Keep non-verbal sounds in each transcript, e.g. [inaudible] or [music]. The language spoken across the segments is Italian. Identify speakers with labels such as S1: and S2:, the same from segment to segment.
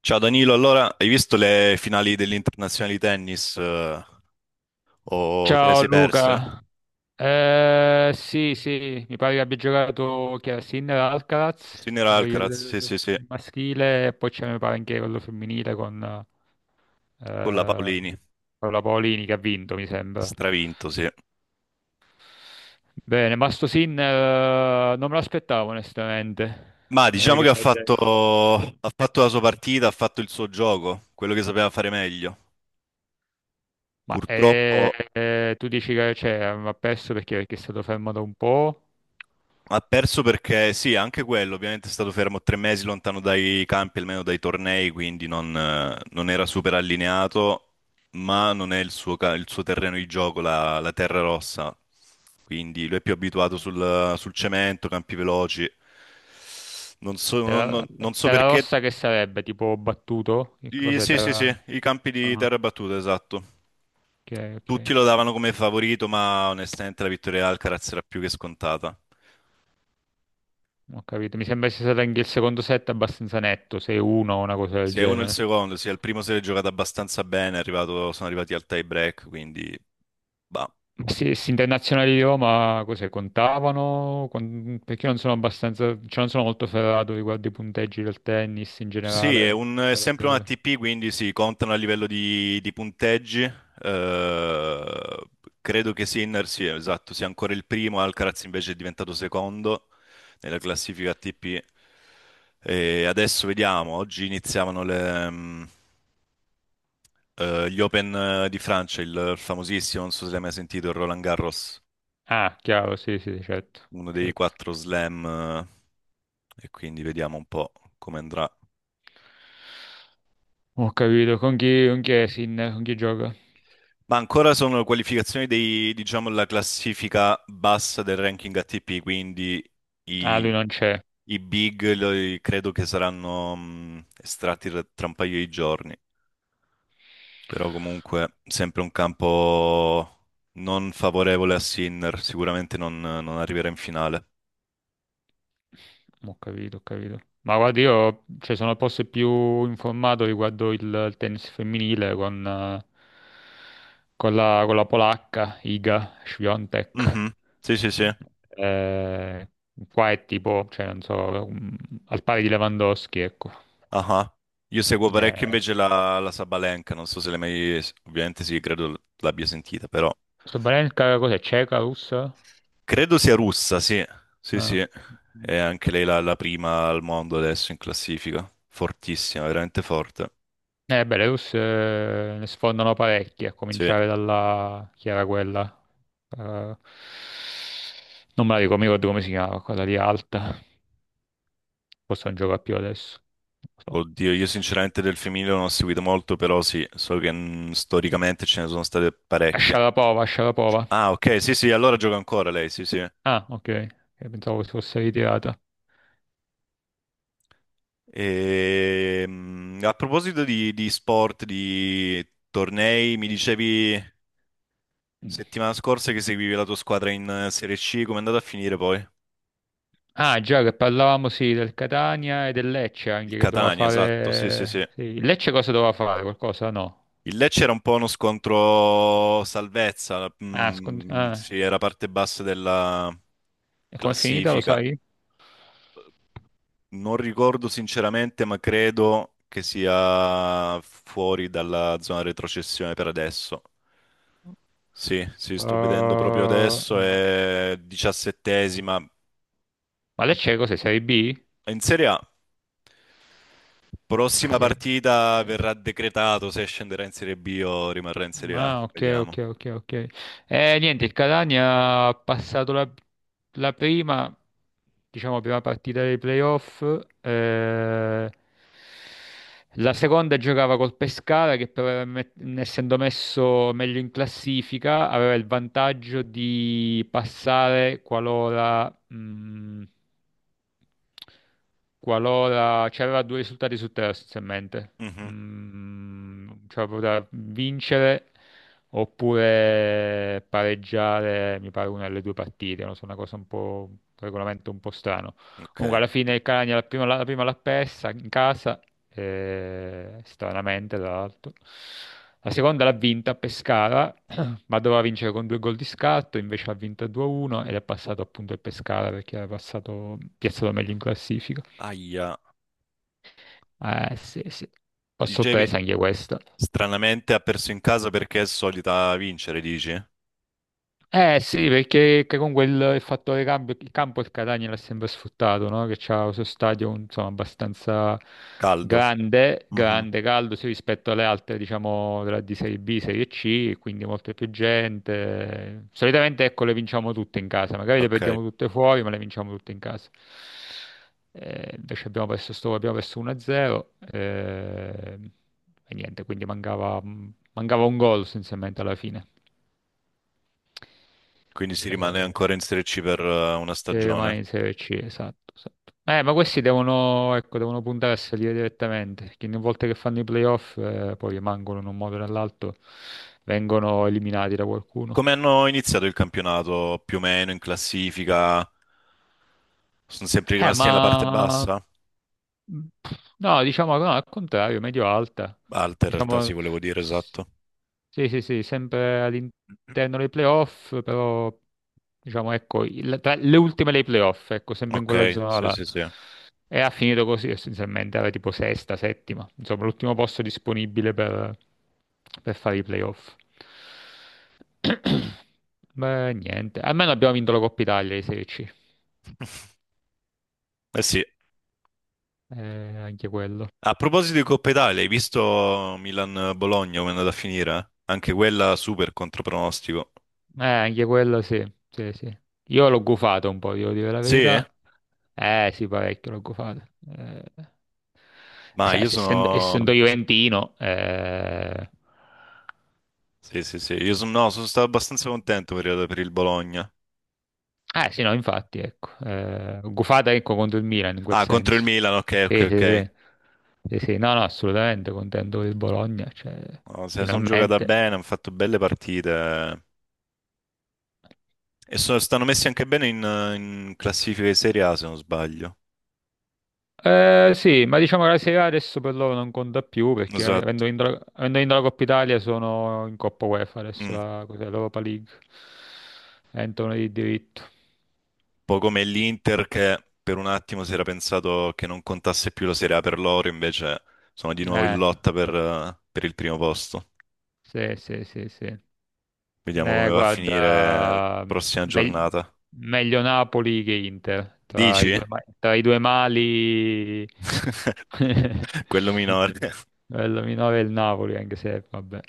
S1: Ciao Danilo, allora hai visto le finali dell'internazionale di tennis o te le
S2: Ciao
S1: sei perse?
S2: Luca. Sì sì, mi pare che abbia giocato, chi era? Sinner Alcaraz,
S1: Sinner
S2: il
S1: Alcaraz, sì, sì, sì,
S2: il maschile, e poi c'è, mi pare, anche quello femminile con
S1: con la
S2: eh,
S1: Paolini,
S2: Paola Paolini, che ha vinto, mi sembra.
S1: stravinto sì.
S2: Bene, ma sto Sinner, non me l'aspettavo onestamente,
S1: Ma diciamo
S2: che
S1: che
S2: perdesse.
S1: ha fatto la sua partita, ha fatto il suo gioco, quello che sapeva fare meglio.
S2: Ma
S1: Purtroppo
S2: tu dici che, cioè, ha perso, perché è stato fermato un po'?
S1: ha perso perché sì, anche quello, ovviamente è stato fermo tre mesi lontano dai campi, almeno dai tornei, quindi non, non era super allineato, ma non è il il suo terreno di gioco, la terra rossa, quindi lui è più abituato sul cemento, campi veloci. Non so,
S2: Terra,
S1: non so
S2: terra
S1: perché.
S2: rossa, che sarebbe? Tipo battuto? Che cos'è
S1: Sì, sì,
S2: terra?
S1: sì, i campi di
S2: Ah,
S1: terra battuta, esatto.
S2: ok,
S1: Tutti
S2: ok.
S1: lo davano come favorito, ma onestamente la vittoria di Alcaraz era più che scontata.
S2: Ho capito. Mi sembra sia stato anche il secondo set abbastanza netto, 6-1, o una cosa del
S1: Sia uno il
S2: genere.
S1: secondo, sia il primo si è giocato abbastanza bene, sono arrivati al tie break, quindi bah.
S2: Ma se internazionali di Roma, cos'è, contavano? Perché non sono abbastanza, cioè non sono molto ferrato riguardo i punteggi del tennis in
S1: Sì, è,
S2: generale.
S1: è
S2: Per-
S1: sempre un ATP, quindi si contano a livello di punteggi. Credo che Sinner, sì, esatto, sia ancora il primo, Alcaraz invece è diventato secondo nella classifica ATP. E adesso vediamo, oggi iniziavano gli Open di Francia, il famosissimo, non so se l'hai mai sentito, il Roland Garros.
S2: Ah, chiaro, sì, sì, certo,
S1: Uno dei
S2: certo.
S1: quattro slam, e quindi vediamo un po' come andrà.
S2: Ho capito. Con chi è Sinner? Con chi gioca?
S1: Ma ancora sono qualificazioni dei, diciamo, la classifica bassa del ranking ATP, quindi
S2: Ah, lui
S1: i,
S2: non c'è.
S1: i big, credo che saranno estratti tra un paio di giorni. Però comunque sempre un campo non favorevole a Sinner, sicuramente non, non arriverà in finale.
S2: Ho capito, ho capito. Ma guarda, io, cioè, sono forse più informato riguardo il tennis femminile con la polacca Iga Świątek.
S1: Mhm. Sì, sì, sì.
S2: Eh, Qua è tipo, cioè, non so, al pari di Lewandowski, ecco.
S1: Ah, io seguo parecchio
S2: Eh,
S1: invece la Sabalenka, non so se l'hai mai. Ovviamente sì, credo l'abbia sentita, però
S2: Sabalenka cos'è? Ceca, russa?
S1: credo sia russa, sì. Sì,
S2: Ah.
S1: sì. È anche lei la prima al mondo adesso in classifica. Fortissima, veramente forte.
S2: Belarus, ne sfondano parecchi, a
S1: Sì.
S2: cominciare dalla, chi era quella? Eh, Non me la ricordo, mi ricordo come si chiamava, quella lì alta. Forse non gioca più adesso. Non lo so.
S1: Oddio, io sinceramente del femminile non ho seguito molto, però sì, so che storicamente ce ne sono state
S2: A
S1: parecchie.
S2: Sharapova, a Sharapova.
S1: Ah, ok, sì, sì, allora gioca ancora lei, sì, sì.
S2: Ah, ok. Pensavo si fosse ritirata.
S1: E, a proposito di sport, di tornei, mi dicevi settimana scorsa che seguivi la tua squadra in Serie C, come è andata a finire poi?
S2: Ah, già che parlavamo, sì, del Catania e del Lecce
S1: Il
S2: anche, che doveva
S1: Catania, esatto, sì, sì, sì.
S2: fare. Sì. Il Lecce cosa doveva fare? Qualcosa? No.
S1: Il Lecce era un po' uno scontro salvezza,
S2: Ah,
S1: sì, era parte bassa della
S2: e com'è finita, lo
S1: classifica.
S2: sai?
S1: Non ricordo sinceramente, ma credo che sia fuori dalla zona retrocessione per adesso. Sì, sì, sto vedendo proprio adesso,
S2: Uh,
S1: è diciassettesima.
S2: Ma lei c'è, cos'è? Serie B?
S1: È in Serie A,
S2: Ah,
S1: prossima partita
S2: serie-
S1: verrà decretato se scenderà in Serie B o rimarrà in Serie A.
S2: Ok, ok,
S1: Vediamo.
S2: ok, ok. Niente, il Catania ha passato la prima, diciamo, prima partita dei playoff. eh, la seconda giocava col Pescara, che però, essendo messo meglio in classifica, aveva il vantaggio di passare qualora, qualora c'aveva due risultati su tre, essenzialmente.
S1: Mhm,
S2: Cioè poteva vincere oppure pareggiare, mi pare, una delle due partite. Non so, una cosa un po', un regolamento un po' strano.
S1: ok.
S2: Comunque, alla fine il Catania la prima l'ha persa in casa, stranamente, tra l'altro. La seconda l'ha vinta a Pescara, ma doveva vincere con due gol di scatto, invece ha vinto 2-1 ed è passato appunto il Pescara, perché era passato piazzato meglio in classifica.
S1: Aia.
S2: Eh sì, sì, ho
S1: Dicevi,
S2: sorpresa anche questa.
S1: stranamente ha perso in casa perché è solita vincere, dici?
S2: Eh sì, perché che comunque il fattore cambio, il campo il Catania l'ha sempre sfruttato, no? Che c'ha questo stadio, insomma, abbastanza
S1: Caldo.
S2: grande,
S1: Mhm,
S2: grande, caldo, sì, rispetto alle altre, diciamo, di Serie B, Serie C, quindi molta più gente. Solitamente, ecco, le vinciamo tutte in casa, magari le
S1: ok.
S2: perdiamo tutte fuori, ma le vinciamo tutte in casa. Invece abbiamo perso 1-0, e niente, quindi mancava un gol essenzialmente alla fine.
S1: Quindi si rimane
S2: Eh,
S1: ancora in Serie C per una
S2: Se rimane
S1: stagione.
S2: in Serie C, esatto, esatto. Ma questi devono, ecco, devono puntare a salire direttamente, perché ogni volta che fanno i playoff, poi rimangono in un modo o nell'altro, vengono eliminati da qualcuno.
S1: Come hanno iniziato il campionato? Più o meno in classifica? Sono sempre
S2: Eh,
S1: rimasti
S2: ma
S1: nella parte bassa?
S2: Mm, No, diciamo no, al contrario, medio alta.
S1: Alta in realtà,
S2: Diciamo,
S1: sì, volevo dire,
S2: s-
S1: esatto.
S2: sì, sì, sì, sempre all'interno dei playoff, però diciamo, ecco, tra le ultime dei playoff, ecco, sempre in quella
S1: Ok,
S2: zona
S1: sì,
S2: là.
S1: sì, sì.
S2: E ha finito così essenzialmente, era tipo sesta, settima, insomma, l'ultimo posto disponibile per fare i playoff. [clears throat] Beh, niente, almeno abbiamo vinto la Coppa Italia di Serie C.
S1: [laughs] Eh sì,
S2: Eh, Anche quello.
S1: a proposito di Coppa Italia, hai visto Milan-Bologna come è andata a finire? Anche quella super contropronostico.
S2: Anche quello, sì, sì, sì. Io l'ho gufato un po', devo dire la
S1: Sì?
S2: verità. Eh sì, parecchio l'ho gufato. Eh,
S1: Ma
S2: sai,
S1: io
S2: se- essendo,
S1: sono.
S2: essendo juventino. eh...
S1: Sì, sì, sì. Io sono. No, sono stato abbastanza contento per il Bologna.
S2: eh, sì, no, infatti, ecco. L'ho gufata, ecco, contro il Milan in quel
S1: Ah, contro il
S2: senso.
S1: Milan, ok, ok,
S2: Sì, sì, sì.
S1: ok.
S2: Sì, sì, no, no, assolutamente contento del Bologna, cioè,
S1: No, se la sono giocata
S2: finalmente.
S1: bene, hanno fatto belle partite. E stanno messi anche bene in classifica di Serie A, se non sbaglio.
S2: Eh sì, ma diciamo che la Serie A adesso per loro non conta più, perché
S1: Esatto.
S2: avendo vinto la Coppa Italia, sono in Coppa UEFA adesso,
S1: Mm.
S2: la, cos'è, l'Europa League, entrano di diritto.
S1: Po' come l'Inter che per un attimo si era pensato che non contasse più la Serie A per loro, invece sono di nuovo in
S2: Eh,
S1: lotta per il primo posto.
S2: sì, sì, sì, sì.
S1: Vediamo come va a finire la
S2: Guarda,
S1: prossima
S2: meg-
S1: giornata.
S2: meglio Napoli che Inter, tra i due,
S1: Dici?
S2: tra i due mali,
S1: [laughs] Quello
S2: [laughs]
S1: minore.
S2: bello minore è il Napoli, anche se, vabbè.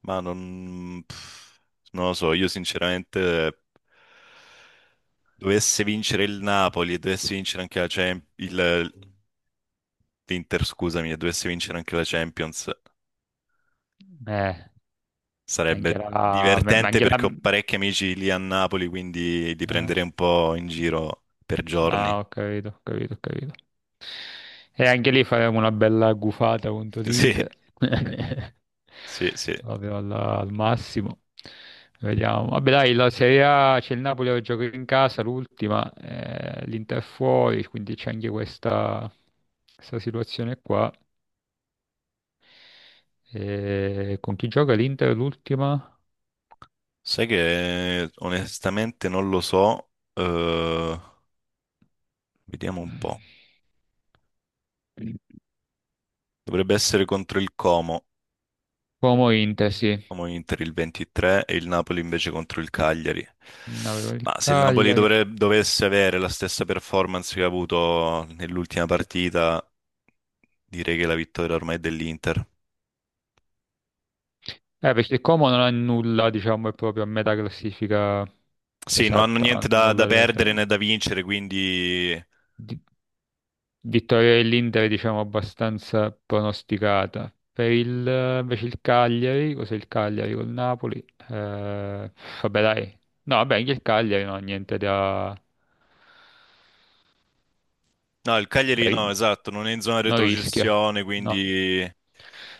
S1: Ma non, pff, non lo so, io sinceramente dovesse vincere il Napoli e dovesse vincere anche la Champions, l'Inter, scusami, e dovesse vincere anche la Champions.
S2: Eh, Anche
S1: Sarebbe
S2: la, ma
S1: divertente
S2: anche la,
S1: perché ho parecchi amici lì a Napoli, quindi li
S2: eh.
S1: prenderei un po' in giro per giorni.
S2: Ah, ho capito, ho capito, ho capito. E anche lì faremo una bella gufata contro l'Inter.
S1: [laughs]
S2: [laughs]
S1: Sì, sì, sì.
S2: Proprio al massimo. Vediamo. Vabbè, dai, la Serie A c'è il Napoli che gioca in casa, l'ultima, l'Inter fuori, quindi c'è anche questa situazione qua. E con chi gioca l'Inter l'ultima?
S1: Sai che onestamente non lo so. Vediamo un po'. Dovrebbe essere contro il Como,
S2: Como Inter, sì.
S1: Como Inter il 23 e il Napoli invece contro il Cagliari.
S2: Avevo il
S1: Ma se il Napoli
S2: Cagliari.
S1: dovesse avere la stessa performance che ha avuto nell'ultima partita, direi che la vittoria ormai è dell'Inter.
S2: Perché Como non ha nulla, diciamo, è proprio a metà classifica
S1: Sì, non hanno
S2: esatta, non
S1: niente
S2: ha
S1: da
S2: nulla da
S1: perdere né
S2: prendere.
S1: da vincere, quindi
S2: Di- Vittoria dell'Inter, diciamo, abbastanza pronosticata. Invece il Cagliari, cos'è il Cagliari col Napoli? Eh, Vabbè, dai. No, vabbè, anche il Cagliari non ha niente da,
S1: no, il
S2: da
S1: Cagliari no,
S2: ri-
S1: esatto, non è in zona
S2: non rischia.
S1: retrocessione,
S2: No.
S1: quindi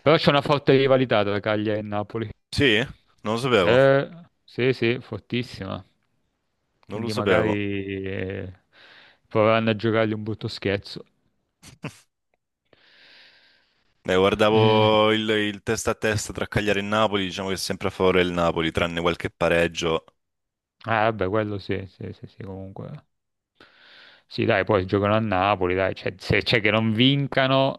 S2: Però c'è una forte rivalità tra Cagliari e Napoli.
S1: sì, non lo sapevo,
S2: Eh sì, sì, fortissima.
S1: non lo
S2: Quindi
S1: sapevo.
S2: magari proveranno a giocargli un brutto scherzo.
S1: [laughs]
S2: Eh,
S1: Guardavo il testa a testa tra Cagliari e Napoli, diciamo che è sempre a favore del Napoli, tranne qualche pareggio.
S2: Vabbè, quello sì, sì, sì, sì, comunque. Sì, dai, poi giocano a Napoli, dai, cioè, se c'è che non vincano,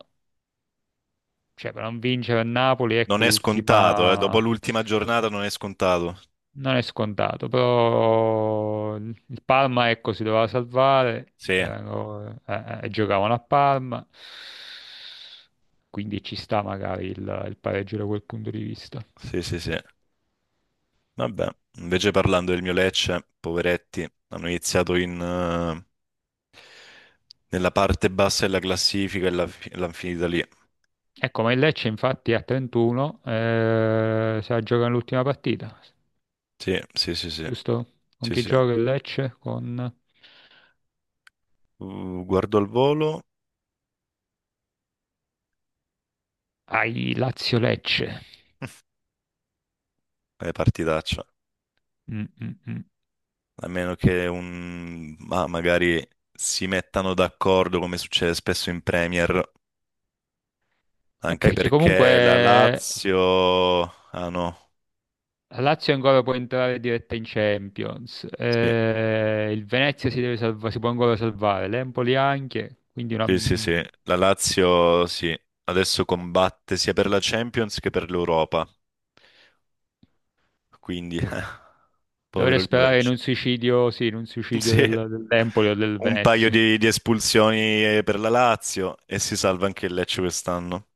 S2: cioè per non vincere a Napoli,
S1: Non
S2: ecco
S1: è scontato, dopo
S2: l'ultima.
S1: l'ultima giornata non è scontato.
S2: Non è scontato, però il Parma, ecco, si doveva salvare,
S1: Sì,
S2: giocavano a Parma, quindi ci sta magari il pareggio da quel punto di vista.
S1: sì, sì, sì. Vabbè, invece parlando del mio Lecce, poveretti, hanno iniziato in nella parte bassa della classifica e l'hanno finita lì.
S2: Ecco, ma il Lecce infatti a 31, si gioca l'ultima partita,
S1: Sì, sì, sì, sì,
S2: giusto? Con
S1: sì,
S2: chi
S1: sì.
S2: gioca il Lecce? Con
S1: Guardo al volo,
S2: ai Lazio-Lecce.
S1: è partitaccia.
S2: Mm, mm, mm.
S1: A meno che un, ma magari si mettano d'accordo come succede spesso in Premier, anche
S2: Perché
S1: perché la
S2: comunque
S1: Lazio. Ah no,
S2: la Lazio ancora può entrare diretta in Champions,
S1: sì,
S2: il Venezia si può ancora salvare, l'Empoli anche, quindi
S1: sì, sì, sì. La Lazio, sì, adesso combatte sia per la Champions che per l'Europa. Quindi, [laughs]
S2: dovrei
S1: povero il mio
S2: sperare in
S1: Lecce.
S2: un suicidio, sì, in un
S1: [laughs]
S2: suicidio
S1: Sì,
S2: dell'Empoli o del
S1: un paio
S2: Venezia.
S1: di espulsioni per la Lazio e si salva anche il Lecce quest'anno.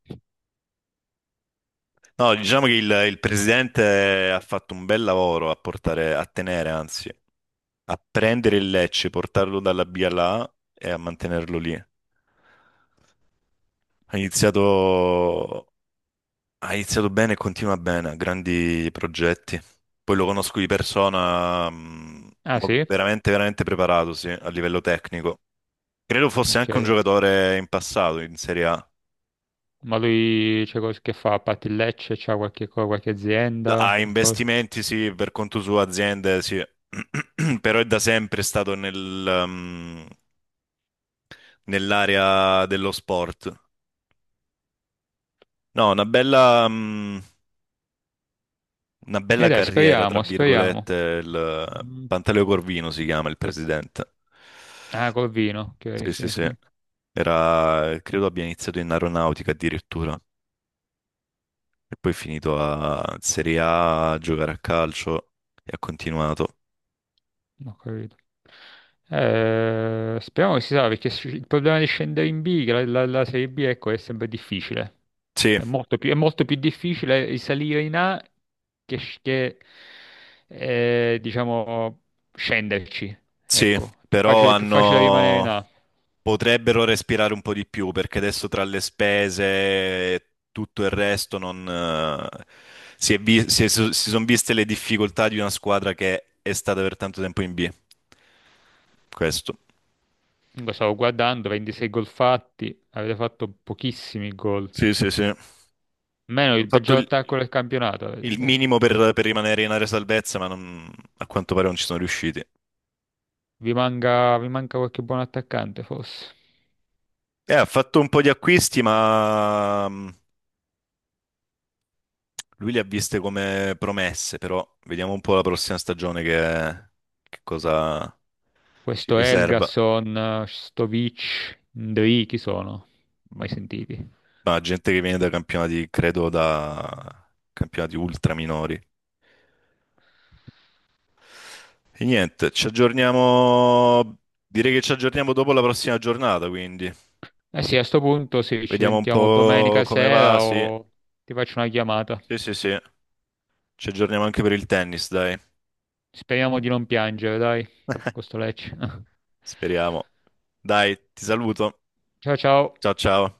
S1: No, diciamo che il presidente ha fatto un bel lavoro a portare, a tenere, anzi, a prendere il Lecce, portarlo dalla B alla A e a mantenerlo lì. Iniziato, ha iniziato bene e continua bene, ha grandi progetti. Poi lo conosco di persona,
S2: Ah sì?
S1: veramente, veramente preparato, sì, a livello tecnico. Credo fosse anche un
S2: Ok.
S1: giocatore in passato in Serie A.
S2: Ma lui c'è, che fa? A parte il Lecce, c'ha qualche, qualche azienda?
S1: A
S2: Qualcosa?
S1: investimenti sì, per conto suo, aziende sì, [clears throat] però è da sempre stato nel, nell'area dello sport. No, una bella, una
S2: E
S1: bella
S2: dai,
S1: carriera, tra
S2: speriamo, speriamo.
S1: virgolette, il
S2: Mm.
S1: Pantaleo Corvino si chiama il presidente.
S2: Ah, col vino, ok,
S1: Sì, sì,
S2: sì,
S1: sì.
S2: sì.
S1: Era, credo abbia iniziato in aeronautica addirittura e poi è finito a Serie A a giocare a calcio e ha continuato.
S2: Ho capito. Speriamo che si sa, perché il problema di scendere in B, che la Serie B, ecco, è sempre difficile.
S1: Sì,
S2: È molto più difficile salire in A che, diciamo, scenderci.
S1: sì,
S2: Ecco, è più
S1: però
S2: facile, è più facile rimanere in
S1: hanno,
S2: A.
S1: potrebbero respirare un po' di più perché adesso tra le spese e tutto il resto non, si è so, si sono viste le difficoltà di una squadra che è stata per tanto tempo in B. Questo.
S2: Comunque stavo guardando, 26 gol fatti, avete fatto pochissimi gol.
S1: Sì, sì, sì. Hanno
S2: Meno, il
S1: fatto
S2: peggior attacco del campionato.
S1: il minimo per rimanere in area salvezza, ma a quanto pare non ci sono riusciti.
S2: Vi manca qualche buon attaccante, forse.
S1: Ha fatto un po' di acquisti, ma lui li ha viste come promesse, però vediamo un po' la prossima stagione che cosa ci
S2: Questo
S1: riserva.
S2: Helgason, Stovic, Ndri, chi sono? Mai sentiti?
S1: Ma gente che viene da campionati, credo da campionati ultra minori. E niente, ci aggiorniamo. Direi che ci aggiorniamo dopo la prossima giornata, quindi
S2: Eh sì, a sto punto sì, ci
S1: vediamo un
S2: sentiamo
S1: po'
S2: domenica
S1: come va.
S2: sera
S1: Sì,
S2: o ti faccio una chiamata.
S1: sì, sì, sì. Ci aggiorniamo anche per il tennis, dai.
S2: Speriamo di non piangere, dai, con sto Lecce. [laughs]
S1: Speriamo. Dai, ti saluto.
S2: Ciao, ciao.
S1: Ciao, ciao.